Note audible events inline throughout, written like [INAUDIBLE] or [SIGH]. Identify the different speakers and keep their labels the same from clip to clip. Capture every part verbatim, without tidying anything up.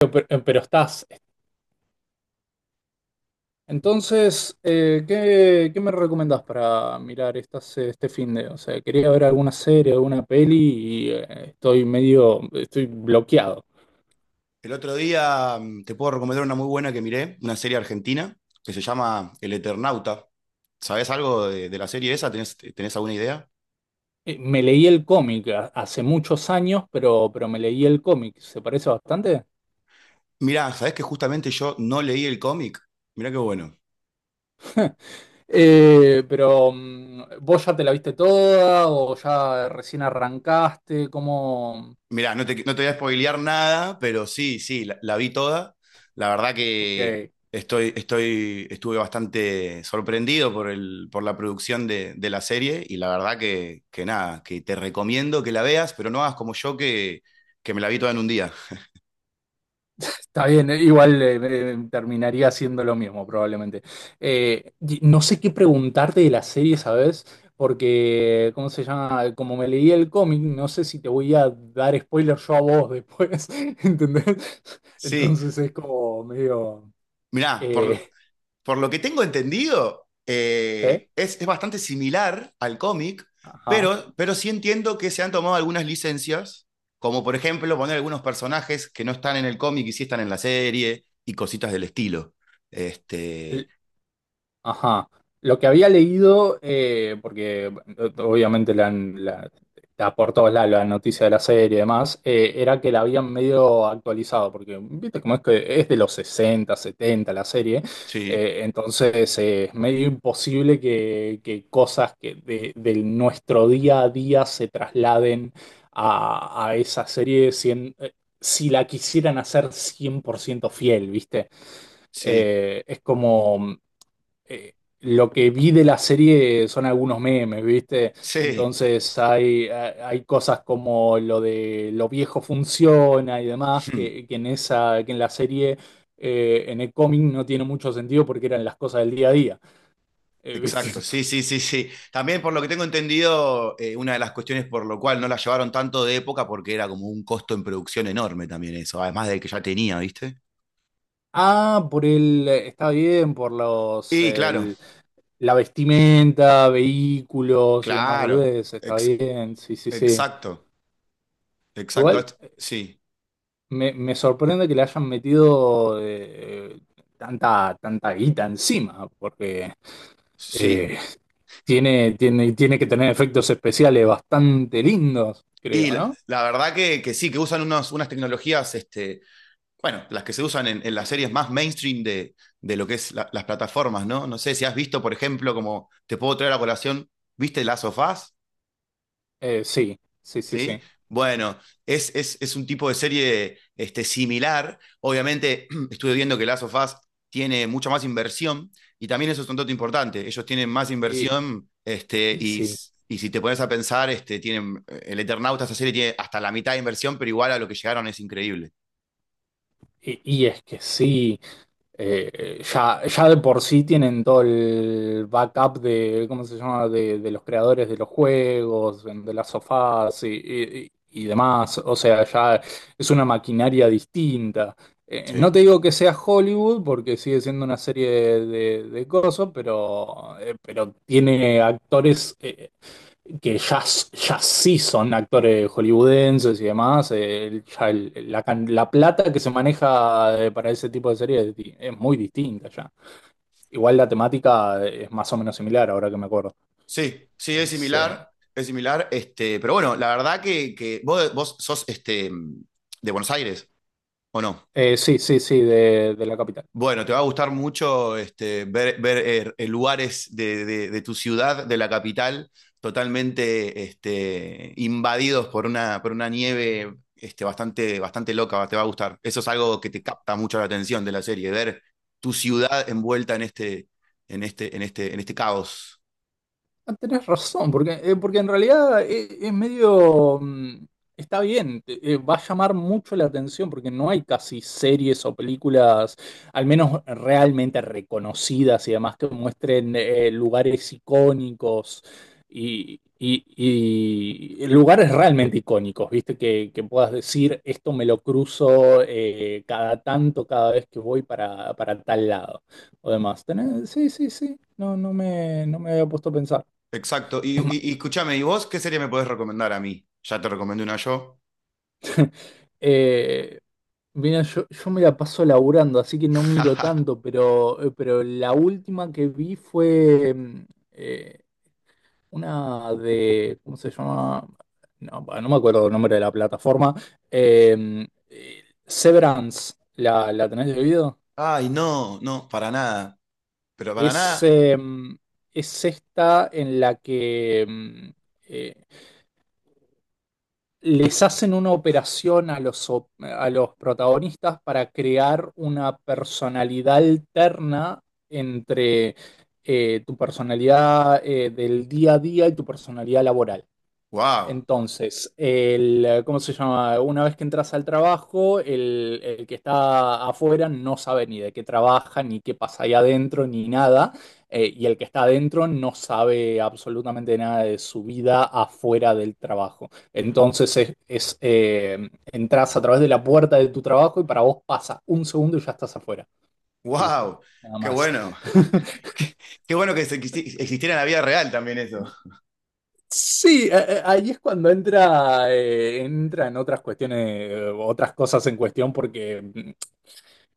Speaker 1: Pero, eh, pero estás. Entonces, eh, ¿qué, qué me recomendás para mirar estas, este fin de? O sea, quería ver alguna serie, alguna peli y eh, estoy medio, estoy bloqueado.
Speaker 2: El otro día mm, te puedo recomendar una muy buena que miré, una serie argentina que se llama El Eternauta. ¿Sabés algo de, de la serie esa? ¿Tenés, tenés alguna idea?
Speaker 1: Eh, Me leí el cómic ha- hace muchos años, pero, pero me leí el cómic. ¿Se parece bastante?
Speaker 2: Mirá, ¿sabés que justamente yo no leí el cómic? Mirá qué bueno.
Speaker 1: [LAUGHS] Eh, pero, mm, ¿vos ya te la viste toda o ya recién arrancaste? ¿Cómo?
Speaker 2: Mirá, no te, no te voy a spoilear nada, pero sí, sí, la, la vi toda. La verdad que
Speaker 1: Ok.
Speaker 2: estoy, estoy, estuve bastante sorprendido por el, por la producción de, de la serie y la verdad que, que nada, que te recomiendo que la veas, pero no hagas como yo que, que me la vi toda en un día.
Speaker 1: Está bien, eh, igual eh, eh, terminaría haciendo lo mismo probablemente. Eh, y no sé qué preguntarte de la serie, ¿sabes? Porque, ¿cómo se llama? Como me leí el cómic, no sé si te voy a dar spoiler yo a vos después, [LAUGHS] ¿entendés?
Speaker 2: Sí.
Speaker 1: Entonces es como medio...
Speaker 2: Mirá, por,
Speaker 1: eh,
Speaker 2: por lo que tengo entendido,
Speaker 1: ¿sí?
Speaker 2: eh, es, es bastante similar al cómic,
Speaker 1: Ajá.
Speaker 2: pero, pero sí entiendo que se han tomado algunas licencias, como por ejemplo poner algunos personajes que no están en el cómic y sí están en la serie y cositas del estilo. Este,
Speaker 1: Ajá. Lo que había leído, eh, porque eh, obviamente la, han- la- está por todos lados la noticia de la serie y demás, eh, era que la habían medio actualizado, porque viste cómo es que es de los sesenta, setenta la serie,
Speaker 2: sí,
Speaker 1: eh, entonces eh, es medio imposible que, que cosas que de, de nuestro día a día se trasladen a, a esa serie cien- eh, si la quisieran hacer cien por ciento fiel, ¿viste?
Speaker 2: sí,
Speaker 1: Eh, es como eh, lo que vi de la serie son algunos memes, ¿viste?
Speaker 2: sí.
Speaker 1: Entonces hay, ha- hay cosas como lo de lo viejo funciona y demás, que, que
Speaker 2: [LAUGHS]
Speaker 1: en esa, que en la serie, eh, en el cómic no tiene mucho sentido porque eran las cosas del día a día, eh, ¿viste?
Speaker 2: Exacto, sí,
Speaker 1: [LAUGHS]
Speaker 2: sí, sí, sí. También por lo que tengo entendido, eh, una de las cuestiones por lo cual no la llevaron tanto de época, porque era como un costo en producción enorme también eso, además del que ya tenía, ¿viste?
Speaker 1: Ah, por el, está bien, por los,
Speaker 2: Y claro.
Speaker 1: el- la vestimenta, vehículos y demás
Speaker 2: Claro,
Speaker 1: boludeces, está
Speaker 2: ex-
Speaker 1: bien, sí, sí, sí.
Speaker 2: exacto, exacto.
Speaker 1: Igual.
Speaker 2: Est- Sí,
Speaker 1: Me, me sorprende que le hayan metido eh, tanta, tanta guita encima, porque
Speaker 2: sí.
Speaker 1: eh, tiene, tiene, tiene que tener efectos especiales bastante lindos,
Speaker 2: Y
Speaker 1: creo,
Speaker 2: la,
Speaker 1: ¿no?
Speaker 2: la verdad que, que sí, que usan unos- unas tecnologías, este, bueno, las que se usan en, en las series más mainstream de, de lo que es la- las plataformas, ¿no? No sé si has visto, por ejemplo, como te puedo traer a colación, ¿viste Last of Us?
Speaker 1: Eh, sí, sí, sí,
Speaker 2: ¿Sí?
Speaker 1: sí.
Speaker 2: Bueno, es, es, es un tipo de serie este, similar. Obviamente, [CLEARS THROAT] estuve viendo que Last of Us tiene mucha más inversión y también eso es un dato importante. Ellos tienen más
Speaker 1: Y,
Speaker 2: inversión este,
Speaker 1: y
Speaker 2: y,
Speaker 1: sí,
Speaker 2: s- y si te pones a pensar, este, tienen, el Eternauta, esta serie tiene hasta la mitad de inversión, pero igual a lo que llegaron es increíble.
Speaker 1: y, y es que sí. eh, eh, ya, ya, de por sí tienen todo el backup de, ¿cómo se llama?, de, de los creadores de los juegos, de las sofás y, y- y demás. O sea, ya es una maquinaria distinta. Eh,
Speaker 2: Sí.
Speaker 1: no te digo que sea Hollywood, porque sigue siendo una serie de, de cosas, pero, eh, pero tiene actores. eh, que ya, ya sí son actores hollywoodenses y demás, eh, el- ya el- la, can- la plata que se maneja eh, para ese tipo de series es, di- es muy distinta ya. Igual la temática es más o menos similar, ahora que me acuerdo.
Speaker 2: Sí, sí, es
Speaker 1: Es, eh,
Speaker 2: similar, es similar, este, pero bueno, la verdad que, que vos, vos sos este, de Buenos Aires, ¿o no?
Speaker 1: eh, sí, sí, sí, de, de la capital.
Speaker 2: Bueno, te va a gustar mucho este, ver, ver, eh, eh, lugares de, de- de tu ciudad, de la capital, totalmente este, invadidos por una, por una nieve este, bastante, bastante loca, te va a gustar. Eso es algo que te capta mucho la atención de la serie, ver tu ciudad envuelta en este, en este, en este, en este caos.
Speaker 1: Ah, tenés razón, porque, eh, porque en realidad es, es medio... mm, Está bien, te- eh, va a llamar mucho la atención porque no hay casi series o películas, al menos realmente reconocidas y demás, que muestren eh, lugares icónicos y, y- y lugares realmente icónicos, ¿viste? Que, que puedas decir, esto me lo cruzo eh, cada tanto, cada vez que voy para, para tal lado o demás. Tenés- Sí, sí, sí, no, no me, no me había puesto a pensar.
Speaker 2: Exacto. Y,
Speaker 1: Es
Speaker 2: y-
Speaker 1: ma-
Speaker 2: y escúchame, ¿y vos qué serie me podés recomendar a mí? Ya te recomendé una yo.
Speaker 1: eh, Mira, yo, yo me la paso laburando, así que no miro
Speaker 2: [LAUGHS]
Speaker 1: tanto, pero, eh, pero la última que vi fue mm, eh, una de, ¿cómo se llama? No, pa, no me acuerdo el nombre de la plataforma. Eh, eh, Severance, ¿la, la tenés de oído?
Speaker 2: Ay, no, no, para nada. Pero para
Speaker 1: Es,
Speaker 2: nada,
Speaker 1: eh, es esta en la que mm, eh, les hacen una operación a los, op- a los protagonistas para crear una personalidad alterna entre eh, tu personalidad eh, del día a día y tu personalidad laboral.
Speaker 2: wow.
Speaker 1: Entonces, el, eh, ¿cómo se llama? Una vez que entras al trabajo, el, el que está afuera no sabe ni de qué trabaja, ni qué pasa ahí adentro, ni nada. Eh, y el que está adentro no sabe absolutamente nada de su vida afuera del trabajo. Entonces, es, es, eh, entras a través de la puerta de tu trabajo y para vos pasa un segundo y ya estás afuera. Y listo,
Speaker 2: ¡Wow!
Speaker 1: nada
Speaker 2: ¡Qué
Speaker 1: más.
Speaker 2: bueno!
Speaker 1: [LAUGHS]
Speaker 2: [LAUGHS] Qué Qué bueno que se- que existiera en la vida real también eso.
Speaker 1: Sí, eh, eh, ahí es cuando entra, eh, entra en otras cuestiones, eh, otras cosas en cuestión, porque mm,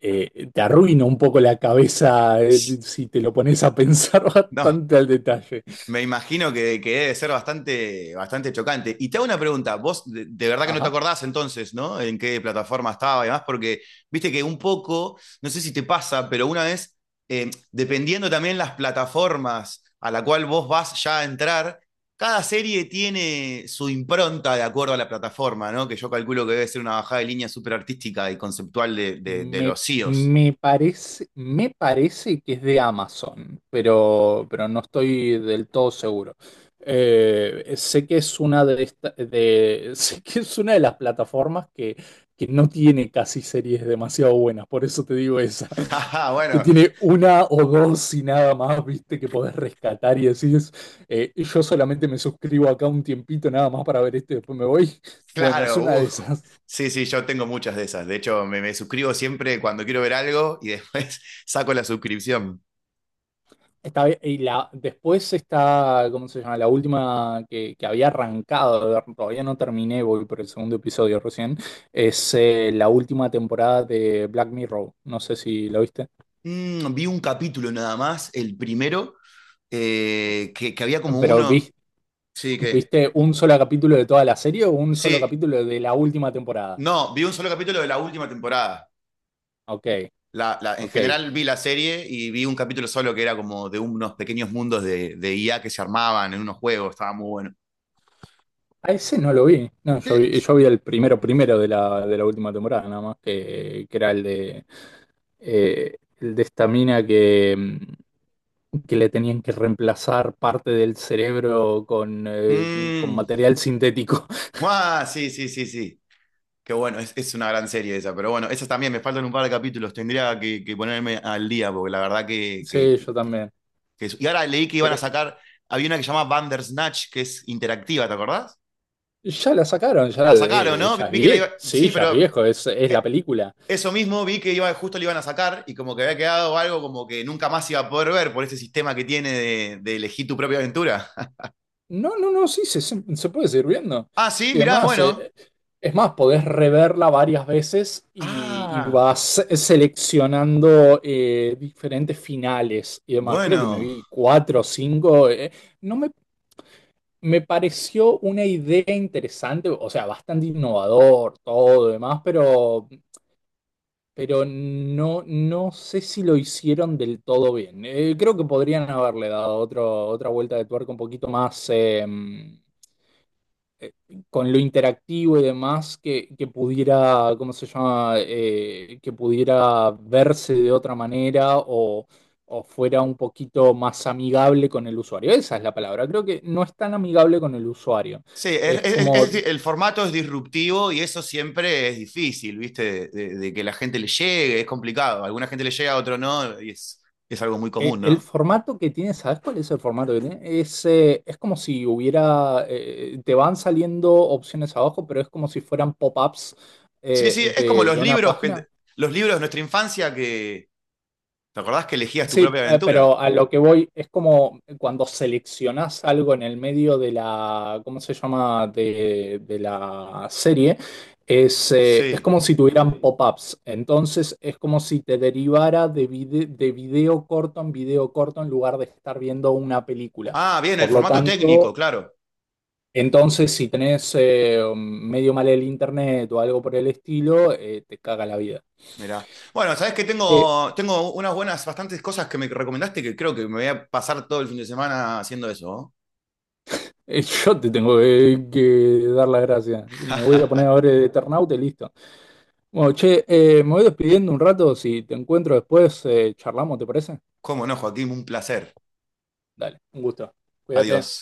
Speaker 1: eh, te arruina un poco la cabeza eh, si te lo pones a pensar [LAUGHS]
Speaker 2: No.
Speaker 1: bastante al detalle.
Speaker 2: Me imagino que, que debe ser bastante, bastante chocante. Y te hago una pregunta, vos de, de verdad que no te
Speaker 1: Ajá.
Speaker 2: acordás entonces, ¿no? En qué plataforma estaba y demás, porque viste que un poco, no sé si te pasa, pero una vez, eh, dependiendo también las plataformas a la cual vos vas ya a entrar, cada serie tiene su impronta de acuerdo a la plataforma, ¿no? Que yo calculo que debe ser una bajada de línea súper artística y conceptual de, de, de
Speaker 1: Me,
Speaker 2: los C E Os.
Speaker 1: me parece, me parece que es de Amazon, pero, pero no estoy del todo seguro. Eh, sé que es una de esta- de, [LAUGHS] sé que es una de las plataformas que, que no tiene casi series demasiado buenas, por eso te digo esa,
Speaker 2: [LAUGHS]
Speaker 1: [LAUGHS] que
Speaker 2: Bueno.
Speaker 1: tiene una o dos y nada más, viste, que podés rescatar y decís, eh, yo solamente me suscribo acá un tiempito nada más para ver esto y después me voy. [LAUGHS] Bueno, es
Speaker 2: Claro,
Speaker 1: una de
Speaker 2: uh,
Speaker 1: esas.
Speaker 2: sí, sí, yo tengo muchas de esas. De hecho, me, me suscribo siempre cuando quiero ver algo y después [LAUGHS] saco la suscripción.
Speaker 1: Está bien, y la, después está, ¿cómo se llama? La última que, que había arrancado, de ver, todavía no terminé, voy por el segundo episodio recién, es eh, la última temporada de Black Mirror. No sé si lo viste,
Speaker 2: Mm, vi un capítulo nada más, el primero, eh, que, que había como
Speaker 1: pero
Speaker 2: uno.
Speaker 1: vi-
Speaker 2: Sí, que.
Speaker 1: ¿viste un solo capítulo de toda la serie o un solo
Speaker 2: Sí,
Speaker 1: capítulo de la última temporada?
Speaker 2: no, vi un solo capítulo de la última temporada.
Speaker 1: Ok,
Speaker 2: La, la- en
Speaker 1: ok.
Speaker 2: general vi la serie y vi un capítulo solo que era como de unos pequeños mundos de, de I A que se armaban en unos juegos, estaba muy bueno.
Speaker 1: A ese no lo vi. No,
Speaker 2: ¿Qué
Speaker 1: yo vi,
Speaker 2: es?
Speaker 1: yo vi el primero primero de la, de la última temporada, nada más, que, que era el de, eh, el de esta mina que, mm, que le tenían que reemplazar parte del cerebro con, eh, con
Speaker 2: Mm,
Speaker 1: material sintético.
Speaker 2: ah,
Speaker 1: [LAUGHS]
Speaker 2: sí, sí, sí, sí. Qué bueno, es, es una gran serie esa, pero bueno, esas también me faltan un par de capítulos, tendría que, que ponerme al día, porque la verdad que, que,
Speaker 1: Sí,
Speaker 2: que-
Speaker 1: yo también.
Speaker 2: que es- y ahora leí que iban a
Speaker 1: Quiero-
Speaker 2: sacar, había una que se llama Bandersnatch, que es interactiva, ¿te acordás?
Speaker 1: ya la sacaron, ya,
Speaker 2: La sacaron,
Speaker 1: eh,
Speaker 2: ¿no?
Speaker 1: ya es
Speaker 2: Vi que la iba...
Speaker 1: viejo, sí,
Speaker 2: Sí,
Speaker 1: ya es
Speaker 2: pero
Speaker 1: viejo, es, es la
Speaker 2: eh,
Speaker 1: película.
Speaker 2: eso mismo vi que iba, justo la iban a sacar y como que había quedado algo como que nunca más iba a poder ver por ese sistema que tiene de, de elegir tu propia aventura. [LAUGHS]
Speaker 1: No, no, no, sí, se, se- se puede seguir viendo.
Speaker 2: Ah, sí,
Speaker 1: Y
Speaker 2: mirá,
Speaker 1: además,
Speaker 2: bueno.
Speaker 1: eh, es más, podés reverla varias veces y, y
Speaker 2: Ah,
Speaker 1: vas seleccionando eh, diferentes finales y demás. Creo que me
Speaker 2: bueno.
Speaker 1: vi cuatro o cinco. eh. No me, me pareció una idea interesante, o sea, bastante innovador, todo demás, pero, pero no, no sé si lo hicieron del todo bien. Eh, creo que podrían haberle dado otro, otra vuelta de tuerca un poquito más. Em, con lo interactivo y demás, que, que pudiera, ¿cómo se llama? Eh, que pudiera verse de otra manera o, o fuera un poquito más amigable con el usuario. Esa es la palabra. Creo que no es tan amigable con el usuario.
Speaker 2: Sí, es,
Speaker 1: Es
Speaker 2: es- es-
Speaker 1: como
Speaker 2: es- el formato es disruptivo y eso siempre es difícil, ¿viste? De, de- de que la gente le llegue, es complicado. A alguna gente le llega, a otro no, y es, es algo muy
Speaker 1: e-
Speaker 2: común,
Speaker 1: el
Speaker 2: ¿no?
Speaker 1: formato que tiene, ¿sabes cuál es el formato que tiene? Es, eh, es como si hubiera, eh, te van saliendo opciones abajo, pero es como si fueran pop-ups.
Speaker 2: Sí, sí,
Speaker 1: eh,
Speaker 2: es como
Speaker 1: de,
Speaker 2: los
Speaker 1: de una
Speaker 2: libros, que,
Speaker 1: página.
Speaker 2: los libros de nuestra infancia que, ¿te acordás que elegías tu
Speaker 1: Sí,
Speaker 2: propia
Speaker 1: eh, pero
Speaker 2: aventura?
Speaker 1: a lo que voy es como cuando seleccionás algo en el medio de la, ¿cómo se llama? De, de la serie, es, eh, es
Speaker 2: Sí.
Speaker 1: como si tuvieran pop-ups. Entonces es como si te derivara de, vide- de video corto en video corto en lugar de estar viendo una película.
Speaker 2: Ah, bien, el
Speaker 1: Por lo
Speaker 2: formato técnico,
Speaker 1: tanto,
Speaker 2: claro.
Speaker 1: entonces si tenés eh, medio mal el internet o algo por el estilo, eh, te caga la vida.
Speaker 2: Mirá. Bueno, sabés que
Speaker 1: Eh,
Speaker 2: tengo, tengo unas buenas, bastantes cosas que me recomendaste que creo que me voy a pasar todo el fin de semana haciendo eso. ¿No?
Speaker 1: [LAUGHS] Eh, Yo te tengo que, que dar las gracias. Me voy a poner
Speaker 2: [LAUGHS]
Speaker 1: a ver Eternaute y listo. Bueno, che, eh, me voy despidiendo un rato. Si te encuentro después, eh, charlamos, ¿te parece?
Speaker 2: Cómo no, Joaquín, un placer.
Speaker 1: Dale, un gusto. Cuídate.
Speaker 2: Adiós.